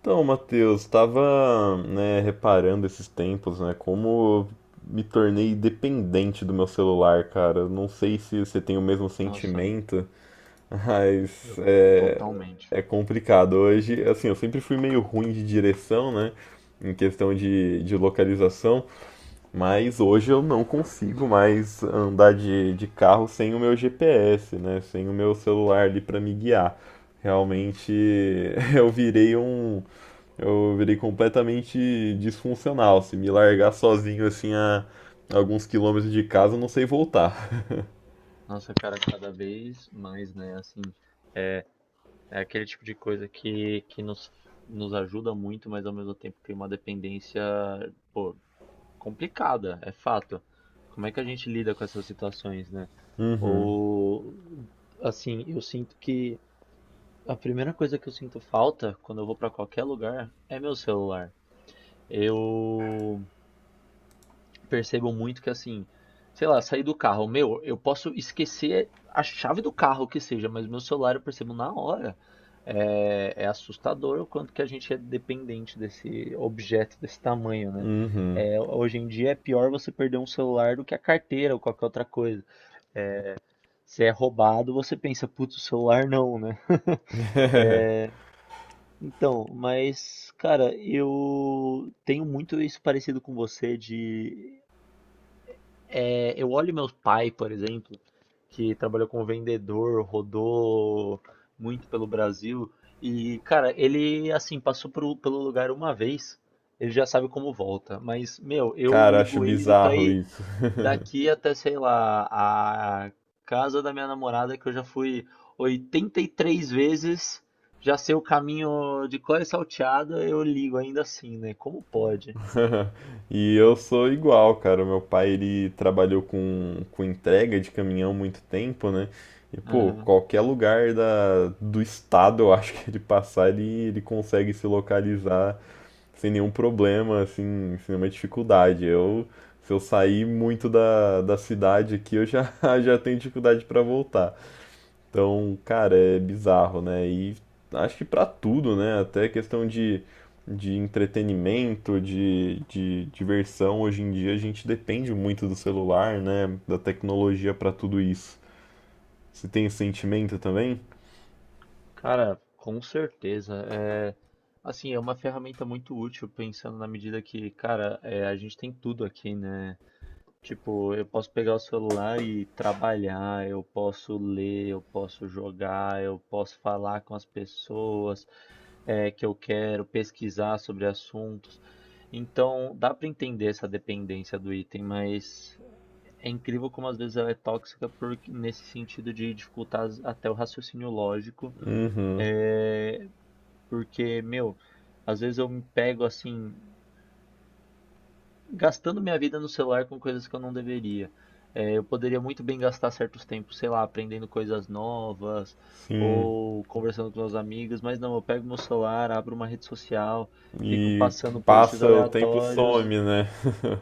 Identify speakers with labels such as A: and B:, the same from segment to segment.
A: Então, Matheus, estava, né, reparando esses tempos, né, como eu me tornei dependente do meu celular, cara. Não sei se você tem o mesmo
B: Nossa,
A: sentimento, mas
B: eu
A: é,
B: totalmente.
A: é complicado. Hoje, assim, eu sempre fui meio ruim de direção, né, em questão de localização, mas hoje eu não consigo mais andar de carro sem o meu GPS, né, sem o meu celular ali para me guiar. Realmente eu virei um eu virei completamente disfuncional. Se me largar sozinho assim a alguns quilômetros de casa, eu não sei voltar.
B: Nossa, cara, cada vez mais, né? Assim, é aquele tipo de coisa que nos ajuda muito, mas ao mesmo tempo tem uma dependência, pô, complicada, é fato. Como é que a gente lida com essas situações, né? Ou, assim, eu sinto que a primeira coisa que eu sinto falta quando eu vou pra qualquer lugar é meu celular. Eu percebo muito que assim, sei lá, sair do carro, meu, eu posso esquecer a chave do carro que seja, mas meu celular eu percebo na hora. É assustador o quanto que a gente é dependente desse objeto desse tamanho, né? É, hoje em dia é pior você perder um celular do que a carteira ou qualquer outra coisa. Se é roubado, você pensa, putz, o celular não, né? Então, mas, cara, eu tenho muito isso parecido com você de é, eu olho meu pai, por exemplo, que trabalhou como vendedor, rodou muito pelo Brasil, e, cara, ele, assim, pelo lugar uma vez, ele já sabe como volta. Mas, meu, eu
A: Cara, acho
B: ligo o Waze pra
A: bizarro
B: ir
A: isso.
B: daqui até, sei lá, a casa da minha namorada, que eu já fui 83 vezes, já sei o caminho de cor e salteado, eu ligo ainda assim, né? Como pode?
A: E eu sou igual, cara. O meu pai ele trabalhou com entrega de caminhão muito tempo, né? E pô, qualquer lugar da, do estado, eu acho que ele passar, ele consegue se localizar sem nenhum problema, assim, sem nenhuma dificuldade. Eu, se eu sair muito da cidade aqui, eu já, já tenho dificuldade para voltar. Então, cara, é bizarro, né? E acho que para tudo, né? Até questão de entretenimento, de diversão, hoje em dia a gente depende muito do celular, né? Da tecnologia para tudo isso. Você tem esse sentimento também?
B: Cara, com certeza. É, assim, é uma ferramenta muito útil, pensando na medida que, cara, é, a gente tem tudo aqui, né? Tipo, eu posso pegar o celular e trabalhar, eu posso ler, eu posso jogar, eu posso falar com as pessoas, é, que eu quero, pesquisar sobre assuntos. Então, dá para entender essa dependência do item, mas é incrível como às vezes ela é tóxica porque, nesse sentido de dificultar até o raciocínio lógico.
A: Uhum,
B: É, porque, meu, às vezes eu me pego assim, gastando minha vida no celular com coisas que eu não deveria. É, eu poderia muito bem gastar certos tempos, sei lá, aprendendo coisas novas
A: sim.
B: ou conversando com meus amigos, mas não, eu pego meu celular, abro uma rede social, fico
A: E
B: passando posts
A: passa o tempo
B: aleatórios,
A: some, né?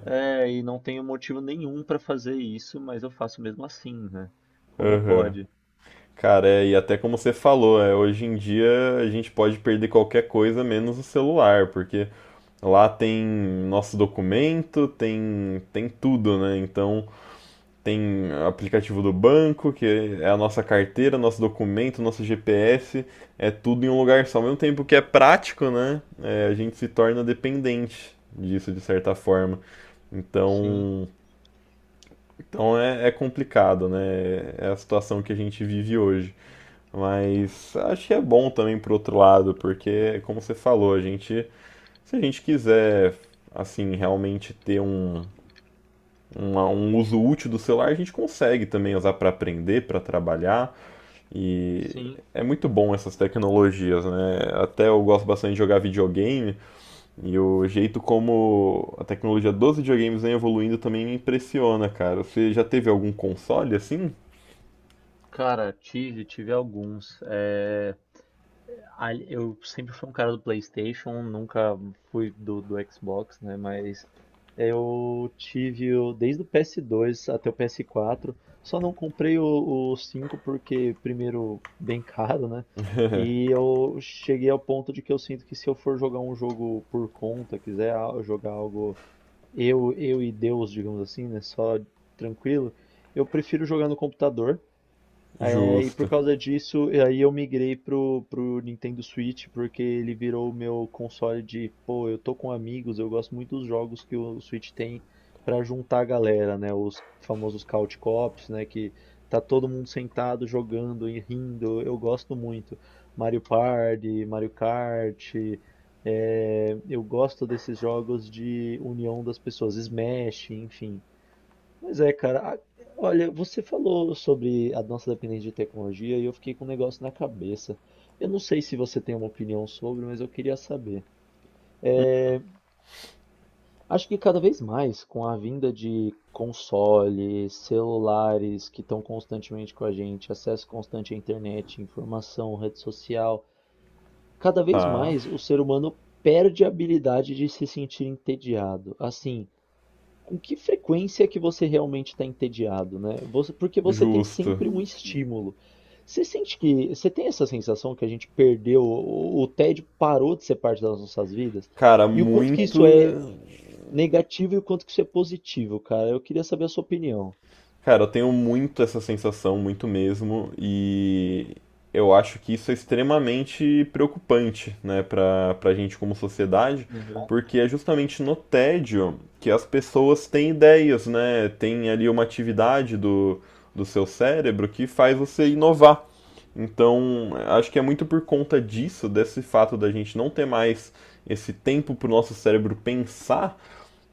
B: é, e não tenho motivo nenhum para fazer isso, mas eu faço mesmo assim, né? Como
A: Aham.
B: pode?
A: Cara, é, e até como você falou, é, hoje em dia a gente pode perder qualquer coisa menos o celular, porque lá tem nosso documento, tem, tem tudo, né? Então tem aplicativo do banco, que é a nossa carteira, nosso documento, nosso GPS, é tudo em um lugar só. Ao mesmo tempo que é prático, né? É, a gente se torna dependente disso de certa forma.
B: Sim,
A: Então, então é, é complicado, né? É a situação que a gente vive hoje. Mas acho que é bom também por outro lado, porque, como você falou, a gente, se a gente quiser, assim, realmente ter um, uma- um uso útil do celular, a gente consegue também usar para aprender, para trabalhar, e
B: sim.
A: é muito bom essas tecnologias, né? Até eu gosto bastante de jogar videogame, e o jeito como a tecnologia dos videogames vem evoluindo também me impressiona, cara. Você já teve algum console assim?
B: Cara, tive, tive alguns. É, eu sempre fui um cara do PlayStation, nunca fui do Xbox, né? Mas eu tive desde o PS2 até o PS4. Só não comprei o 5 porque, primeiro, bem caro, né? E eu cheguei ao ponto de que eu sinto que se eu for jogar um jogo por conta, jogar algo eu e Deus, digamos assim, né? Só tranquilo, eu prefiro jogar no computador. É, e por
A: Justo.
B: causa disso, e aí eu migrei pro Nintendo Switch, porque ele virou o meu console de, pô, eu tô com amigos, eu gosto muito dos jogos que o Switch tem pra juntar a galera, né? Os famosos couch co-ops, né? Que tá todo mundo sentado jogando e rindo, eu gosto muito. Mario Party, Mario Kart, é, eu gosto desses jogos de união das pessoas, Smash, enfim. Mas é, cara. A- olha, você falou sobre a nossa dependência de tecnologia e eu fiquei com um negócio na cabeça. Eu não sei se você tem uma opinião sobre, mas eu queria saber. Acho que cada vez mais, com a vinda de consoles, celulares que estão constantemente com a gente, acesso constante à internet, informação, rede social, cada vez
A: Tá,
B: mais o ser humano perde a habilidade de se sentir entediado. Assim, com que frequência que você realmente está entediado, né? Você- porque você tem
A: justo.
B: sempre um estímulo. Você sente que, você tem essa sensação que a gente perdeu, o tédio parou de ser parte das nossas vidas?
A: Cara,
B: E o quanto que
A: muito.
B: isso é negativo e o quanto que isso é positivo, cara? Eu queria saber a sua opinião.
A: Cara, eu tenho muito essa sensação, muito mesmo, e eu acho que isso é extremamente preocupante, né, pra gente como sociedade, porque é justamente no tédio que as pessoas têm ideias, né, tem ali uma atividade do, do seu cérebro que faz você inovar. Então, acho que é muito por conta disso, desse fato da gente não ter mais esse tempo pro nosso cérebro pensar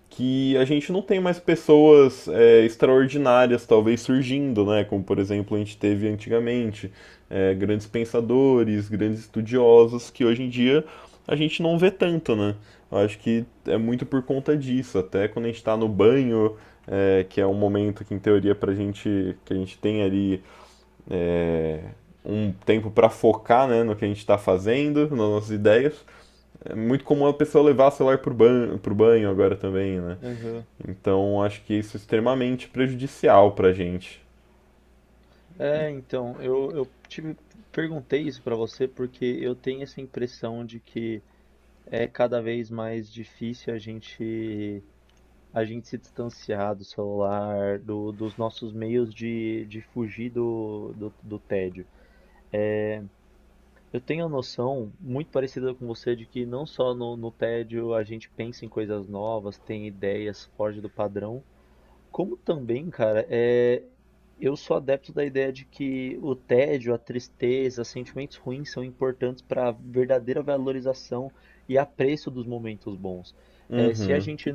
A: que a gente não tem mais pessoas é, extraordinárias talvez surgindo, né? Como por exemplo a gente teve antigamente é, grandes pensadores, grandes estudiosos que hoje em dia a gente não vê tanto, né? Eu acho que é muito por conta disso. Até quando a gente está no banho, é, que é um momento que em teoria pra gente que a gente tem ali é, um tempo para focar né, no que a gente está fazendo, nas nossas ideias. É muito comum a pessoa levar o celular pro banho, agora também, né?
B: Aham.
A: Então acho que isso é extremamente prejudicial pra gente.
B: É, então, eu perguntei isso pra você porque eu tenho essa impressão de que é cada vez mais difícil a gente se distanciar do celular, dos nossos meios de fugir do tédio. Eu tenho a noção muito parecida com você de que não só no tédio a gente pensa em coisas novas, tem ideias, foge do padrão, como também, cara, é, eu sou adepto da ideia de que o tédio, a tristeza, sentimentos ruins são importantes para a verdadeira valorização e apreço dos momentos bons. É, se a
A: Uhum.
B: gente,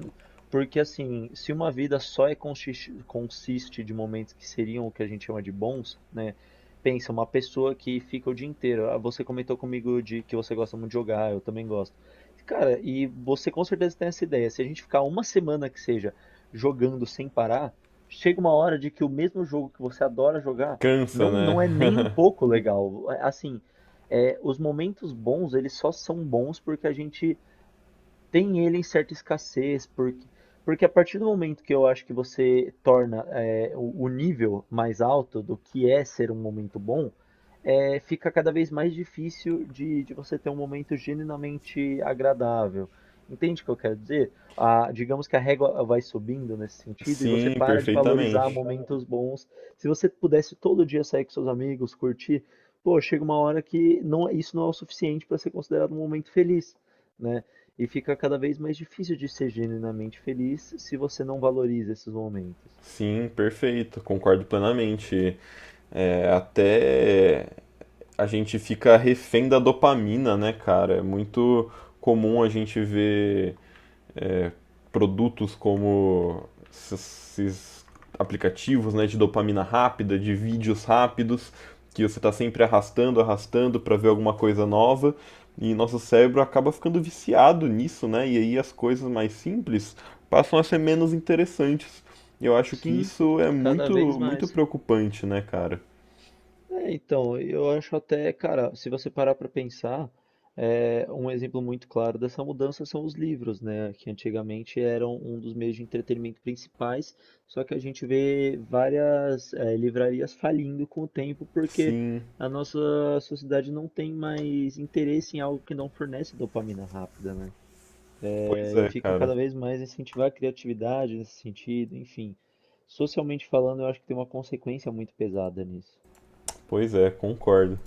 B: porque assim, se uma vida só consiste de momentos que seriam o que a gente chama de bons, né? Pensa, uma pessoa que fica o dia inteiro. Ah, você comentou comigo de que você gosta muito de jogar, eu também gosto. Cara, e você com certeza tem essa ideia. Se a gente ficar uma semana que seja jogando sem parar, chega uma hora de que o mesmo jogo que você adora jogar
A: Cansa, né?
B: não é nem um pouco legal. É, assim, é, os momentos bons, eles só são bons porque a gente tem ele em certa escassez, porque a partir do momento que eu acho que você torna é, o nível mais alto do que é ser um momento bom, é, fica cada vez mais difícil de você ter um momento genuinamente agradável. Entende o que eu quero dizer? A- digamos que a régua vai subindo nesse sentido e você
A: Sim,
B: para de valorizar
A: perfeitamente.
B: momentos bons. Se você pudesse todo dia sair com seus amigos, curtir, pô, chega uma hora que não, é, isso não é o suficiente para ser considerado um momento feliz, né? E fica cada vez mais difícil de ser genuinamente feliz se você não valoriza esses momentos.
A: Sim, perfeito. Concordo plenamente. É, até a gente fica refém da dopamina, né, cara? É muito comum a gente ver é, produtos como esses aplicativos né, de dopamina rápida, de vídeos rápidos, que você está sempre arrastando, arrastando para ver alguma coisa nova, e nosso cérebro acaba ficando viciado nisso, né? E aí as coisas mais simples passam a ser menos interessantes. Eu acho que
B: Sim,
A: isso é
B: cada
A: muito,
B: vez
A: muito
B: mais.
A: preocupante, né, cara?
B: É, então, eu acho até, cara, se você parar para pensar, é, um exemplo muito claro dessa mudança são os livros, né? Que antigamente eram um dos meios de entretenimento principais, só que a gente vê várias, é, livrarias falindo com o tempo porque
A: Sim,
B: a nossa sociedade não tem mais interesse em algo que não fornece dopamina rápida, né?
A: pois
B: É, e
A: é,
B: fica
A: cara.
B: cada vez mais incentivar a criatividade nesse sentido, enfim. Socialmente falando, eu acho que tem uma consequência muito pesada nisso.
A: Pois é, concordo.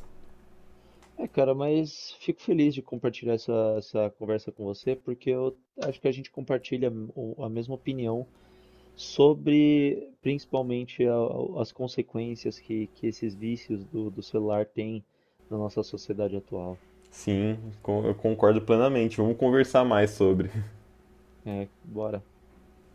B: É, cara, mas fico feliz de compartilhar essa conversa com você, porque eu acho que a gente compartilha a mesma opinião sobre, principalmente, a- as consequências que esses vícios do celular têm na nossa sociedade atual.
A: Sim, con- eu concordo plenamente. Vamos conversar mais sobre.
B: É, bora.